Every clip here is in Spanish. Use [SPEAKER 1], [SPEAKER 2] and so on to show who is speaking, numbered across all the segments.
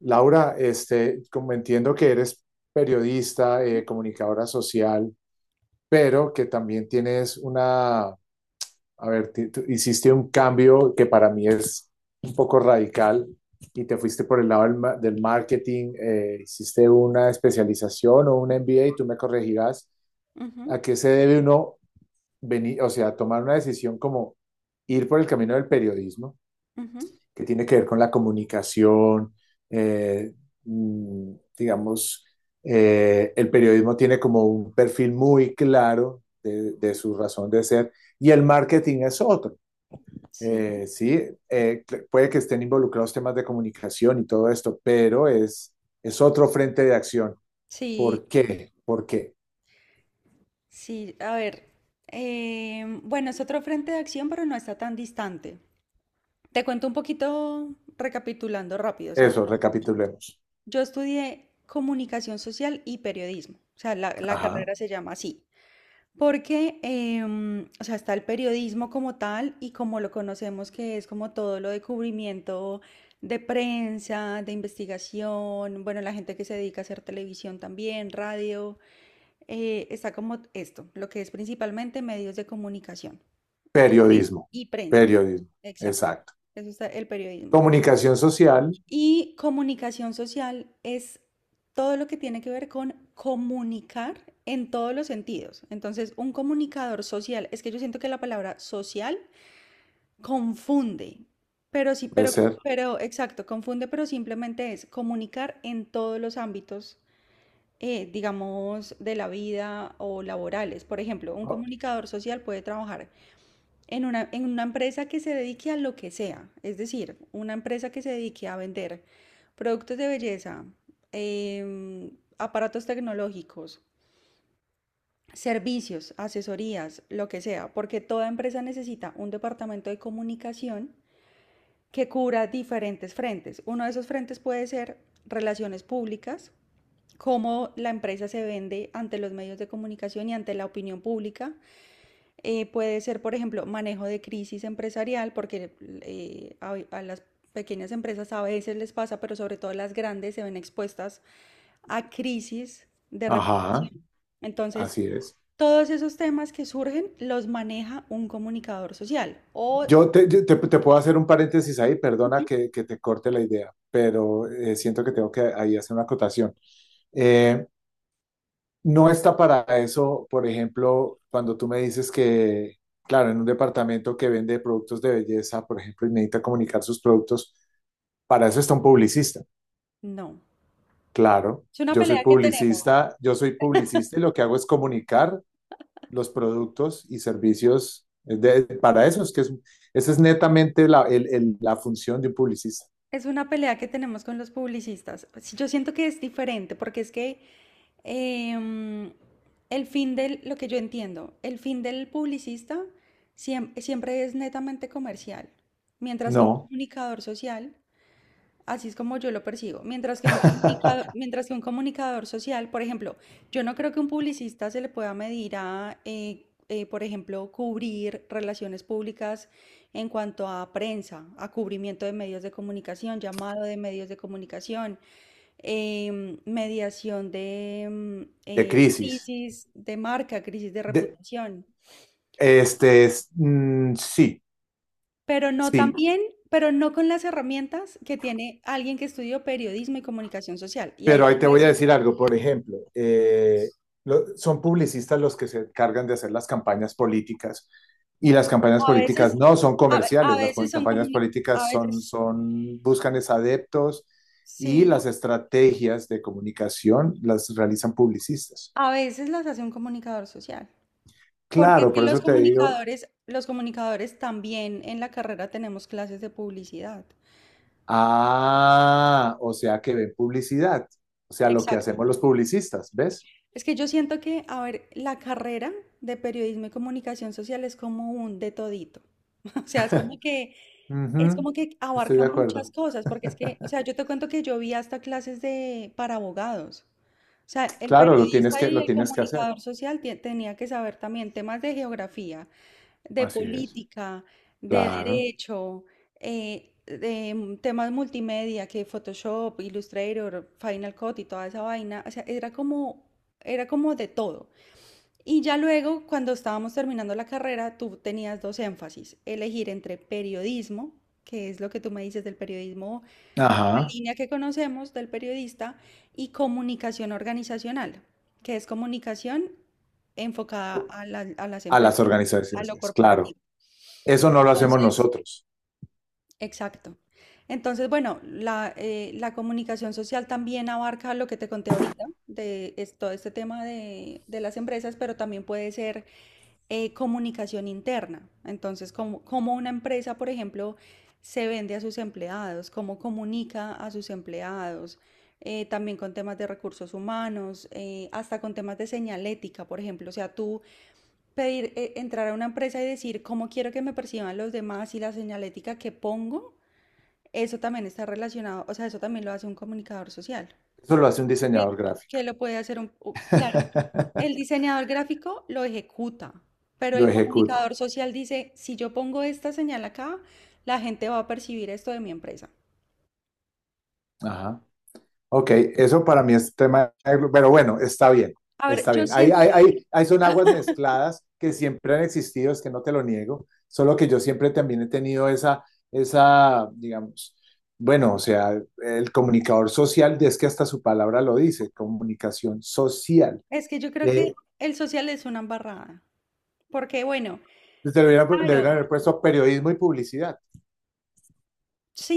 [SPEAKER 1] Laura, como entiendo que eres periodista,
[SPEAKER 2] Ujú,
[SPEAKER 1] comunicadora social, pero que también tienes una, a ver, tú hiciste un cambio que para mí es un poco radical y te fuiste por el lado del, del marketing, hiciste una especialización o un MBA y tú me corregirás. ¿A qué se debe uno venir, o sea, tomar una decisión como ir por el camino del periodismo,
[SPEAKER 2] ujú.
[SPEAKER 1] que tiene que ver con la comunicación? eh, digamos, el periodismo tiene como un perfil muy claro de, su razón de ser, y el marketing es otro.
[SPEAKER 2] Sí,
[SPEAKER 1] Sí, eh, puede que estén involucrados temas de comunicación y todo esto, pero es otro frente de acción.
[SPEAKER 2] sí,
[SPEAKER 1] ¿Por qué? ¿Por qué?
[SPEAKER 2] sí. A ver, bueno, es otro frente de acción, pero no está tan distante. Te cuento un poquito recapitulando rápido. O sea,
[SPEAKER 1] Eso, recapitulemos.
[SPEAKER 2] yo estudié comunicación social y periodismo. O sea, la
[SPEAKER 1] Ajá.
[SPEAKER 2] carrera se llama así. Porque, o sea, está el periodismo como tal y como lo conocemos, que es como todo lo de cubrimiento de prensa, de investigación, bueno, la gente que se dedica a hacer televisión también, radio. Está como esto, lo que es principalmente medios de comunicación y, pre-
[SPEAKER 1] Periodismo,
[SPEAKER 2] y prensa.
[SPEAKER 1] periodismo,
[SPEAKER 2] Exacto.
[SPEAKER 1] exacto.
[SPEAKER 2] Eso está el periodismo.
[SPEAKER 1] Comunicación social,
[SPEAKER 2] Y comunicación social es todo lo que tiene que ver con comunicar en todos los sentidos. Entonces, un comunicador social, es que yo siento que la palabra social confunde, pero sí,
[SPEAKER 1] puede ser.
[SPEAKER 2] pero exacto, confunde, pero simplemente es comunicar en todos los ámbitos digamos, de la vida o laborales. Por ejemplo, un comunicador social puede trabajar en una empresa que se dedique a lo que sea, es decir, una empresa que se dedique a vender productos de belleza, em, aparatos tecnológicos, servicios, asesorías, lo que sea, porque toda empresa necesita un departamento de comunicación que cubra diferentes frentes. Uno de esos frentes puede ser relaciones públicas, cómo la empresa se vende ante los medios de comunicación y ante la opinión pública. Puede ser, por ejemplo, manejo de crisis empresarial, porque a las pequeñas empresas a veces les pasa, pero sobre todo las grandes se ven expuestas a crisis de
[SPEAKER 1] Ajá.
[SPEAKER 2] reputación. Entonces,
[SPEAKER 1] Así es.
[SPEAKER 2] todos esos temas que surgen los maneja un comunicador social o
[SPEAKER 1] Te puedo hacer un paréntesis ahí, perdona que te corte la idea, pero siento que tengo que ahí hacer una acotación. Eh, no está para eso, por ejemplo, cuando tú me dices que, claro, en un departamento que vende productos de belleza, por ejemplo, y necesita comunicar sus productos, para eso está un publicista.
[SPEAKER 2] no.
[SPEAKER 1] Claro,
[SPEAKER 2] Es una pelea que tenemos.
[SPEAKER 1] yo soy publicista y lo que hago es comunicar los productos y servicios para eso. Esa es netamente la, la función de un publicista.
[SPEAKER 2] Es una pelea que tenemos con los publicistas. Sí, yo siento que es diferente porque es que em, el fin del, lo que yo entiendo, el fin del publicista siempre es netamente comercial, mientras que un
[SPEAKER 1] No.
[SPEAKER 2] comunicador social. Así es como yo lo percibo. Mientras que un comunicador, mientras que un comunicador social, por ejemplo, yo no creo que un publicista se le pueda medir a, por ejemplo, cubrir relaciones públicas en cuanto a prensa, a cubrimiento de medios de comunicación, llamado de medios de comunicación, mediación de
[SPEAKER 1] De crisis.
[SPEAKER 2] crisis de marca, crisis de
[SPEAKER 1] De,
[SPEAKER 2] reputación.
[SPEAKER 1] este, es, mm, sí,
[SPEAKER 2] Pero no
[SPEAKER 1] sí.
[SPEAKER 2] también, pero no con las herramientas que tiene alguien que estudió periodismo y comunicación social. Y ahí
[SPEAKER 1] Pero
[SPEAKER 2] te
[SPEAKER 1] ahí
[SPEAKER 2] iba
[SPEAKER 1] te
[SPEAKER 2] a
[SPEAKER 1] voy a
[SPEAKER 2] decir.
[SPEAKER 1] decir algo, por ejemplo, son publicistas los que se encargan de hacer las campañas políticas, y las campañas
[SPEAKER 2] A veces,
[SPEAKER 1] políticas no son comerciales, las campañas
[SPEAKER 2] a
[SPEAKER 1] políticas son,
[SPEAKER 2] veces,
[SPEAKER 1] son, buscan es adeptos, y
[SPEAKER 2] sí,
[SPEAKER 1] las estrategias de comunicación las realizan publicistas.
[SPEAKER 2] a veces las hace un comunicador social. Porque es
[SPEAKER 1] Claro,
[SPEAKER 2] que
[SPEAKER 1] por eso te digo,
[SPEAKER 2] los comunicadores también en la carrera tenemos clases de publicidad.
[SPEAKER 1] ah, o sea que ven publicidad, o sea, lo que
[SPEAKER 2] Exacto.
[SPEAKER 1] hacemos los publicistas, ¿ves?
[SPEAKER 2] Es que yo siento que, a ver, la carrera de periodismo y comunicación social es como un de todito. O sea, es
[SPEAKER 1] Ujú,
[SPEAKER 2] como que
[SPEAKER 1] estoy
[SPEAKER 2] abarca
[SPEAKER 1] de
[SPEAKER 2] muchas
[SPEAKER 1] acuerdo.
[SPEAKER 2] cosas, porque es que, o sea, yo te cuento que yo vi hasta clases de, para abogados. O sea, el
[SPEAKER 1] Claro,
[SPEAKER 2] periodista y
[SPEAKER 1] lo
[SPEAKER 2] el
[SPEAKER 1] tienes que hacer.
[SPEAKER 2] comunicador social tenía que saber también temas de geografía, de
[SPEAKER 1] Así es.
[SPEAKER 2] política, de
[SPEAKER 1] Claro.
[SPEAKER 2] derecho, temas multimedia, que Photoshop, Illustrator, Final Cut y toda esa vaina. O sea, era como de todo. Y ya luego, cuando estábamos terminando la carrera, tú tenías dos énfasis, elegir entre periodismo, que es lo que tú me dices del periodismo, la
[SPEAKER 1] Ajá.
[SPEAKER 2] línea que conocemos del periodista, y comunicación organizacional, que es comunicación enfocada a a las
[SPEAKER 1] A las
[SPEAKER 2] empresas, a lo
[SPEAKER 1] organizaciones, claro.
[SPEAKER 2] corporativo.
[SPEAKER 1] Eso no lo hacemos
[SPEAKER 2] Entonces,
[SPEAKER 1] nosotros.
[SPEAKER 2] exacto. Entonces, bueno, la, la comunicación social también abarca lo que te conté ahorita, de todo este tema de las empresas, pero también puede ser comunicación interna. Entonces, como, como una empresa, por ejemplo, se vende a sus empleados, cómo comunica a sus empleados, también con temas de recursos humanos, hasta con temas de señalética, por ejemplo. O sea, tú pedir, entrar a una empresa y decir cómo quiero que me perciban los demás y la señalética que pongo, eso también está relacionado, o sea, eso también lo hace un comunicador social.
[SPEAKER 1] Eso lo hace un
[SPEAKER 2] Que,
[SPEAKER 1] diseñador gráfico.
[SPEAKER 2] que lo puede hacer un, claro, el diseñador gráfico lo ejecuta, pero
[SPEAKER 1] Lo
[SPEAKER 2] el
[SPEAKER 1] ejecuta.
[SPEAKER 2] comunicador social dice, si yo pongo esta señal acá, la gente va a percibir esto de mi empresa.
[SPEAKER 1] Ajá. Ok, eso para mí es tema, de- pero bueno, está bien,
[SPEAKER 2] A ver,
[SPEAKER 1] está
[SPEAKER 2] yo
[SPEAKER 1] bien. Hay,
[SPEAKER 2] siento
[SPEAKER 1] hay,
[SPEAKER 2] que
[SPEAKER 1] hay, hay son aguas mezcladas que siempre han existido, es que no te lo niego, solo que yo siempre también he tenido esa, esa, digamos, bueno, o sea, el comunicador social, es que hasta su palabra lo dice, comunicación social.
[SPEAKER 2] es que yo creo que
[SPEAKER 1] Eh,
[SPEAKER 2] el social es una embarrada, porque bueno,
[SPEAKER 1] Te hubieran- le
[SPEAKER 2] claro,
[SPEAKER 1] hubieran haber puesto periodismo y publicidad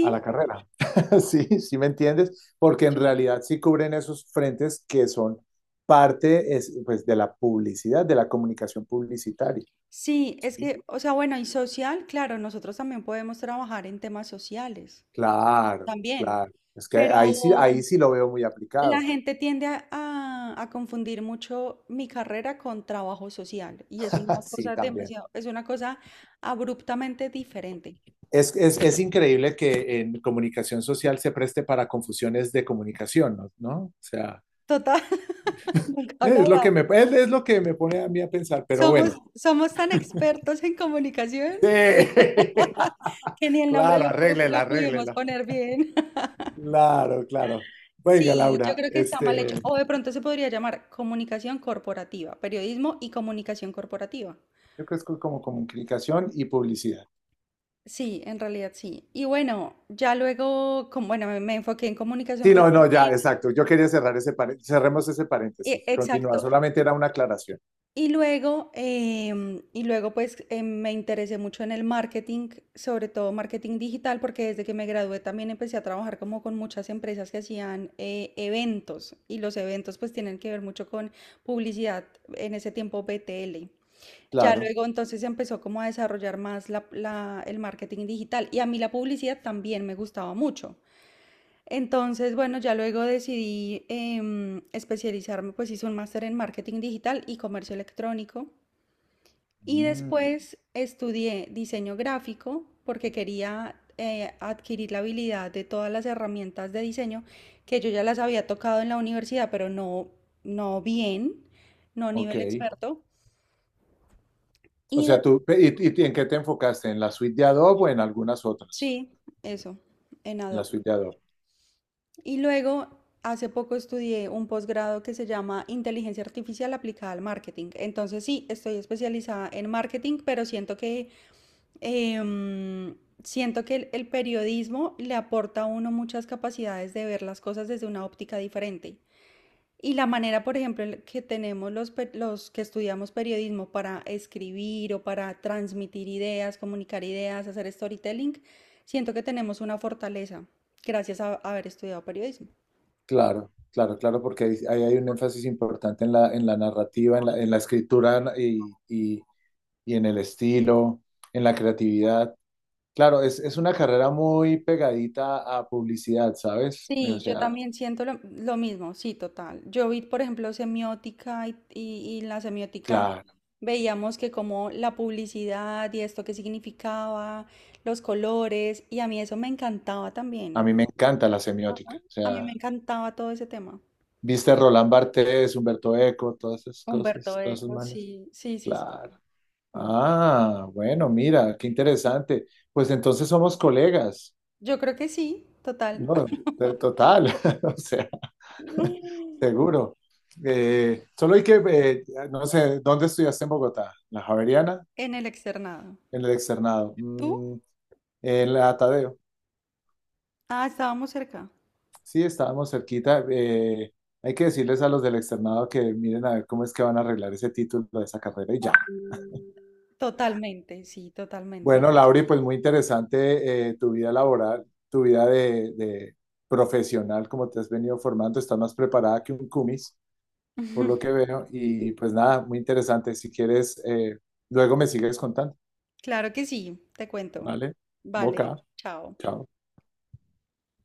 [SPEAKER 1] a la carrera. Sí, sí me entiendes, porque en
[SPEAKER 2] sí,
[SPEAKER 1] realidad sí cubren esos frentes que son parte es, pues, de la publicidad, de la comunicación publicitaria.
[SPEAKER 2] sí, es
[SPEAKER 1] Sí,
[SPEAKER 2] que, o sea, bueno, y social, claro, nosotros también podemos trabajar en temas sociales,
[SPEAKER 1] claro,
[SPEAKER 2] también,
[SPEAKER 1] claro. Es que
[SPEAKER 2] pero
[SPEAKER 1] ahí sí lo veo muy
[SPEAKER 2] la
[SPEAKER 1] aplicado.
[SPEAKER 2] gente tiende a, a confundir mucho mi carrera con trabajo social y es una
[SPEAKER 1] Sí,
[SPEAKER 2] cosa
[SPEAKER 1] también.
[SPEAKER 2] demasiado, es una cosa abruptamente diferente.
[SPEAKER 1] Es increíble que en comunicación social se preste para confusiones de comunicación, ¿no? ¿No? O sea,
[SPEAKER 2] Total, nunca lo había.
[SPEAKER 1] es lo que me pone a mí a pensar, pero
[SPEAKER 2] Somos,
[SPEAKER 1] bueno.
[SPEAKER 2] somos tan expertos en comunicación
[SPEAKER 1] Sí,
[SPEAKER 2] que ni el nombre
[SPEAKER 1] claro,
[SPEAKER 2] lo,
[SPEAKER 1] arréglela,
[SPEAKER 2] lo pudimos
[SPEAKER 1] arréglela.
[SPEAKER 2] poner bien.
[SPEAKER 1] Claro, claro. Venga,
[SPEAKER 2] Sí, yo
[SPEAKER 1] Laura,
[SPEAKER 2] creo que está mal
[SPEAKER 1] este,
[SPEAKER 2] hecho. O de pronto se podría llamar comunicación corporativa, periodismo y comunicación corporativa.
[SPEAKER 1] yo creo que es como comunicación y publicidad.
[SPEAKER 2] Sí, en realidad sí. Y bueno, ya luego, como, bueno, me enfoqué en comunicación
[SPEAKER 1] Sí, no, no, ya,
[SPEAKER 2] corporativa.
[SPEAKER 1] exacto. Yo quería cerrar ese paréntesis, cerremos ese paréntesis.
[SPEAKER 2] Exacto.
[SPEAKER 1] Continúa, solamente era una aclaración.
[SPEAKER 2] Y luego, y luego pues me interesé mucho en el marketing, sobre todo marketing digital, porque desde que me gradué también empecé a trabajar como con muchas empresas que hacían eventos y los eventos pues tienen que ver mucho con publicidad, en ese tiempo BTL. Ya
[SPEAKER 1] Claro.
[SPEAKER 2] luego entonces se empezó como a desarrollar más el marketing digital y a mí la publicidad también me gustaba mucho. Entonces, bueno, ya luego decidí especializarme, pues hice un máster en marketing digital y comercio electrónico. Y mm,
[SPEAKER 1] Mm,
[SPEAKER 2] después estudié diseño gráfico porque quería adquirir la habilidad de todas las herramientas de diseño que yo ya las había tocado en la universidad, pero no, no bien, no a
[SPEAKER 1] ok.
[SPEAKER 2] nivel experto.
[SPEAKER 1] O
[SPEAKER 2] Y
[SPEAKER 1] sea, tú, y en qué te enfocaste? ¿En la suite de Adobe o en algunas otras?
[SPEAKER 2] sí, eso, en
[SPEAKER 1] En la
[SPEAKER 2] Adobe.
[SPEAKER 1] suite de Adobe.
[SPEAKER 2] Y luego, hace poco estudié un posgrado que se llama Inteligencia Artificial aplicada al marketing. Entonces sí, estoy especializada en marketing, pero siento que em, siento que el periodismo le aporta a uno muchas capacidades de ver las cosas desde una óptica diferente. Y la manera, por ejemplo, en que tenemos los que estudiamos periodismo para escribir o para transmitir ideas, comunicar ideas, hacer storytelling, siento que tenemos una fortaleza gracias a haber estudiado periodismo.
[SPEAKER 1] Claro, claro, claro, porque ahí ahí hay un énfasis importante en la narrativa, en la escritura y en el estilo, en la creatividad. Claro, es una carrera muy pegadita a publicidad, ¿sabes? O
[SPEAKER 2] Sí, yo
[SPEAKER 1] sea,
[SPEAKER 2] también siento lo mismo, sí, total. Yo vi, por ejemplo, semiótica y, y en la semiótica
[SPEAKER 1] claro,
[SPEAKER 2] veíamos que como la publicidad y esto que significaba, los colores, y a mí eso me encantaba
[SPEAKER 1] a
[SPEAKER 2] también.
[SPEAKER 1] mí me encanta la semiótica.
[SPEAKER 2] Ajá.
[SPEAKER 1] O
[SPEAKER 2] A mí
[SPEAKER 1] sea,
[SPEAKER 2] me encantaba todo ese tema.
[SPEAKER 1] viste Roland Barthes, Humberto Eco, todas esas
[SPEAKER 2] Humberto
[SPEAKER 1] cosas, todos esos
[SPEAKER 2] Eco,
[SPEAKER 1] manes.
[SPEAKER 2] sí, sí, sí, sí.
[SPEAKER 1] Claro.
[SPEAKER 2] Mm.
[SPEAKER 1] Ah, bueno, mira, qué interesante. Pues entonces somos colegas.
[SPEAKER 2] Yo creo que sí, total.
[SPEAKER 1] No, de- total, o sea, seguro. Solo hay que, no sé, ¿dónde estudiaste en Bogotá? ¿La Javeriana?
[SPEAKER 2] En el externado.
[SPEAKER 1] En el externado. Mm,
[SPEAKER 2] ¿Tú?
[SPEAKER 1] el atadeo.
[SPEAKER 2] Ah, estábamos cerca.
[SPEAKER 1] Sí, estábamos cerquita. Hay que decirles a los del externado que miren a ver cómo es que van a arreglar ese título de esa carrera y ya.
[SPEAKER 2] Totalmente, sí, totalmente.
[SPEAKER 1] Bueno, Lauri, pues muy interesante tu vida laboral, tu vida de profesional, como te has venido formando. Estás más preparada que un cumis, por lo que veo. Y pues nada, muy interesante. Si quieres, luego me sigues contando.
[SPEAKER 2] Claro que sí, te cuento.
[SPEAKER 1] ¿Vale?
[SPEAKER 2] Vale,
[SPEAKER 1] Boca.
[SPEAKER 2] chao.
[SPEAKER 1] Chao.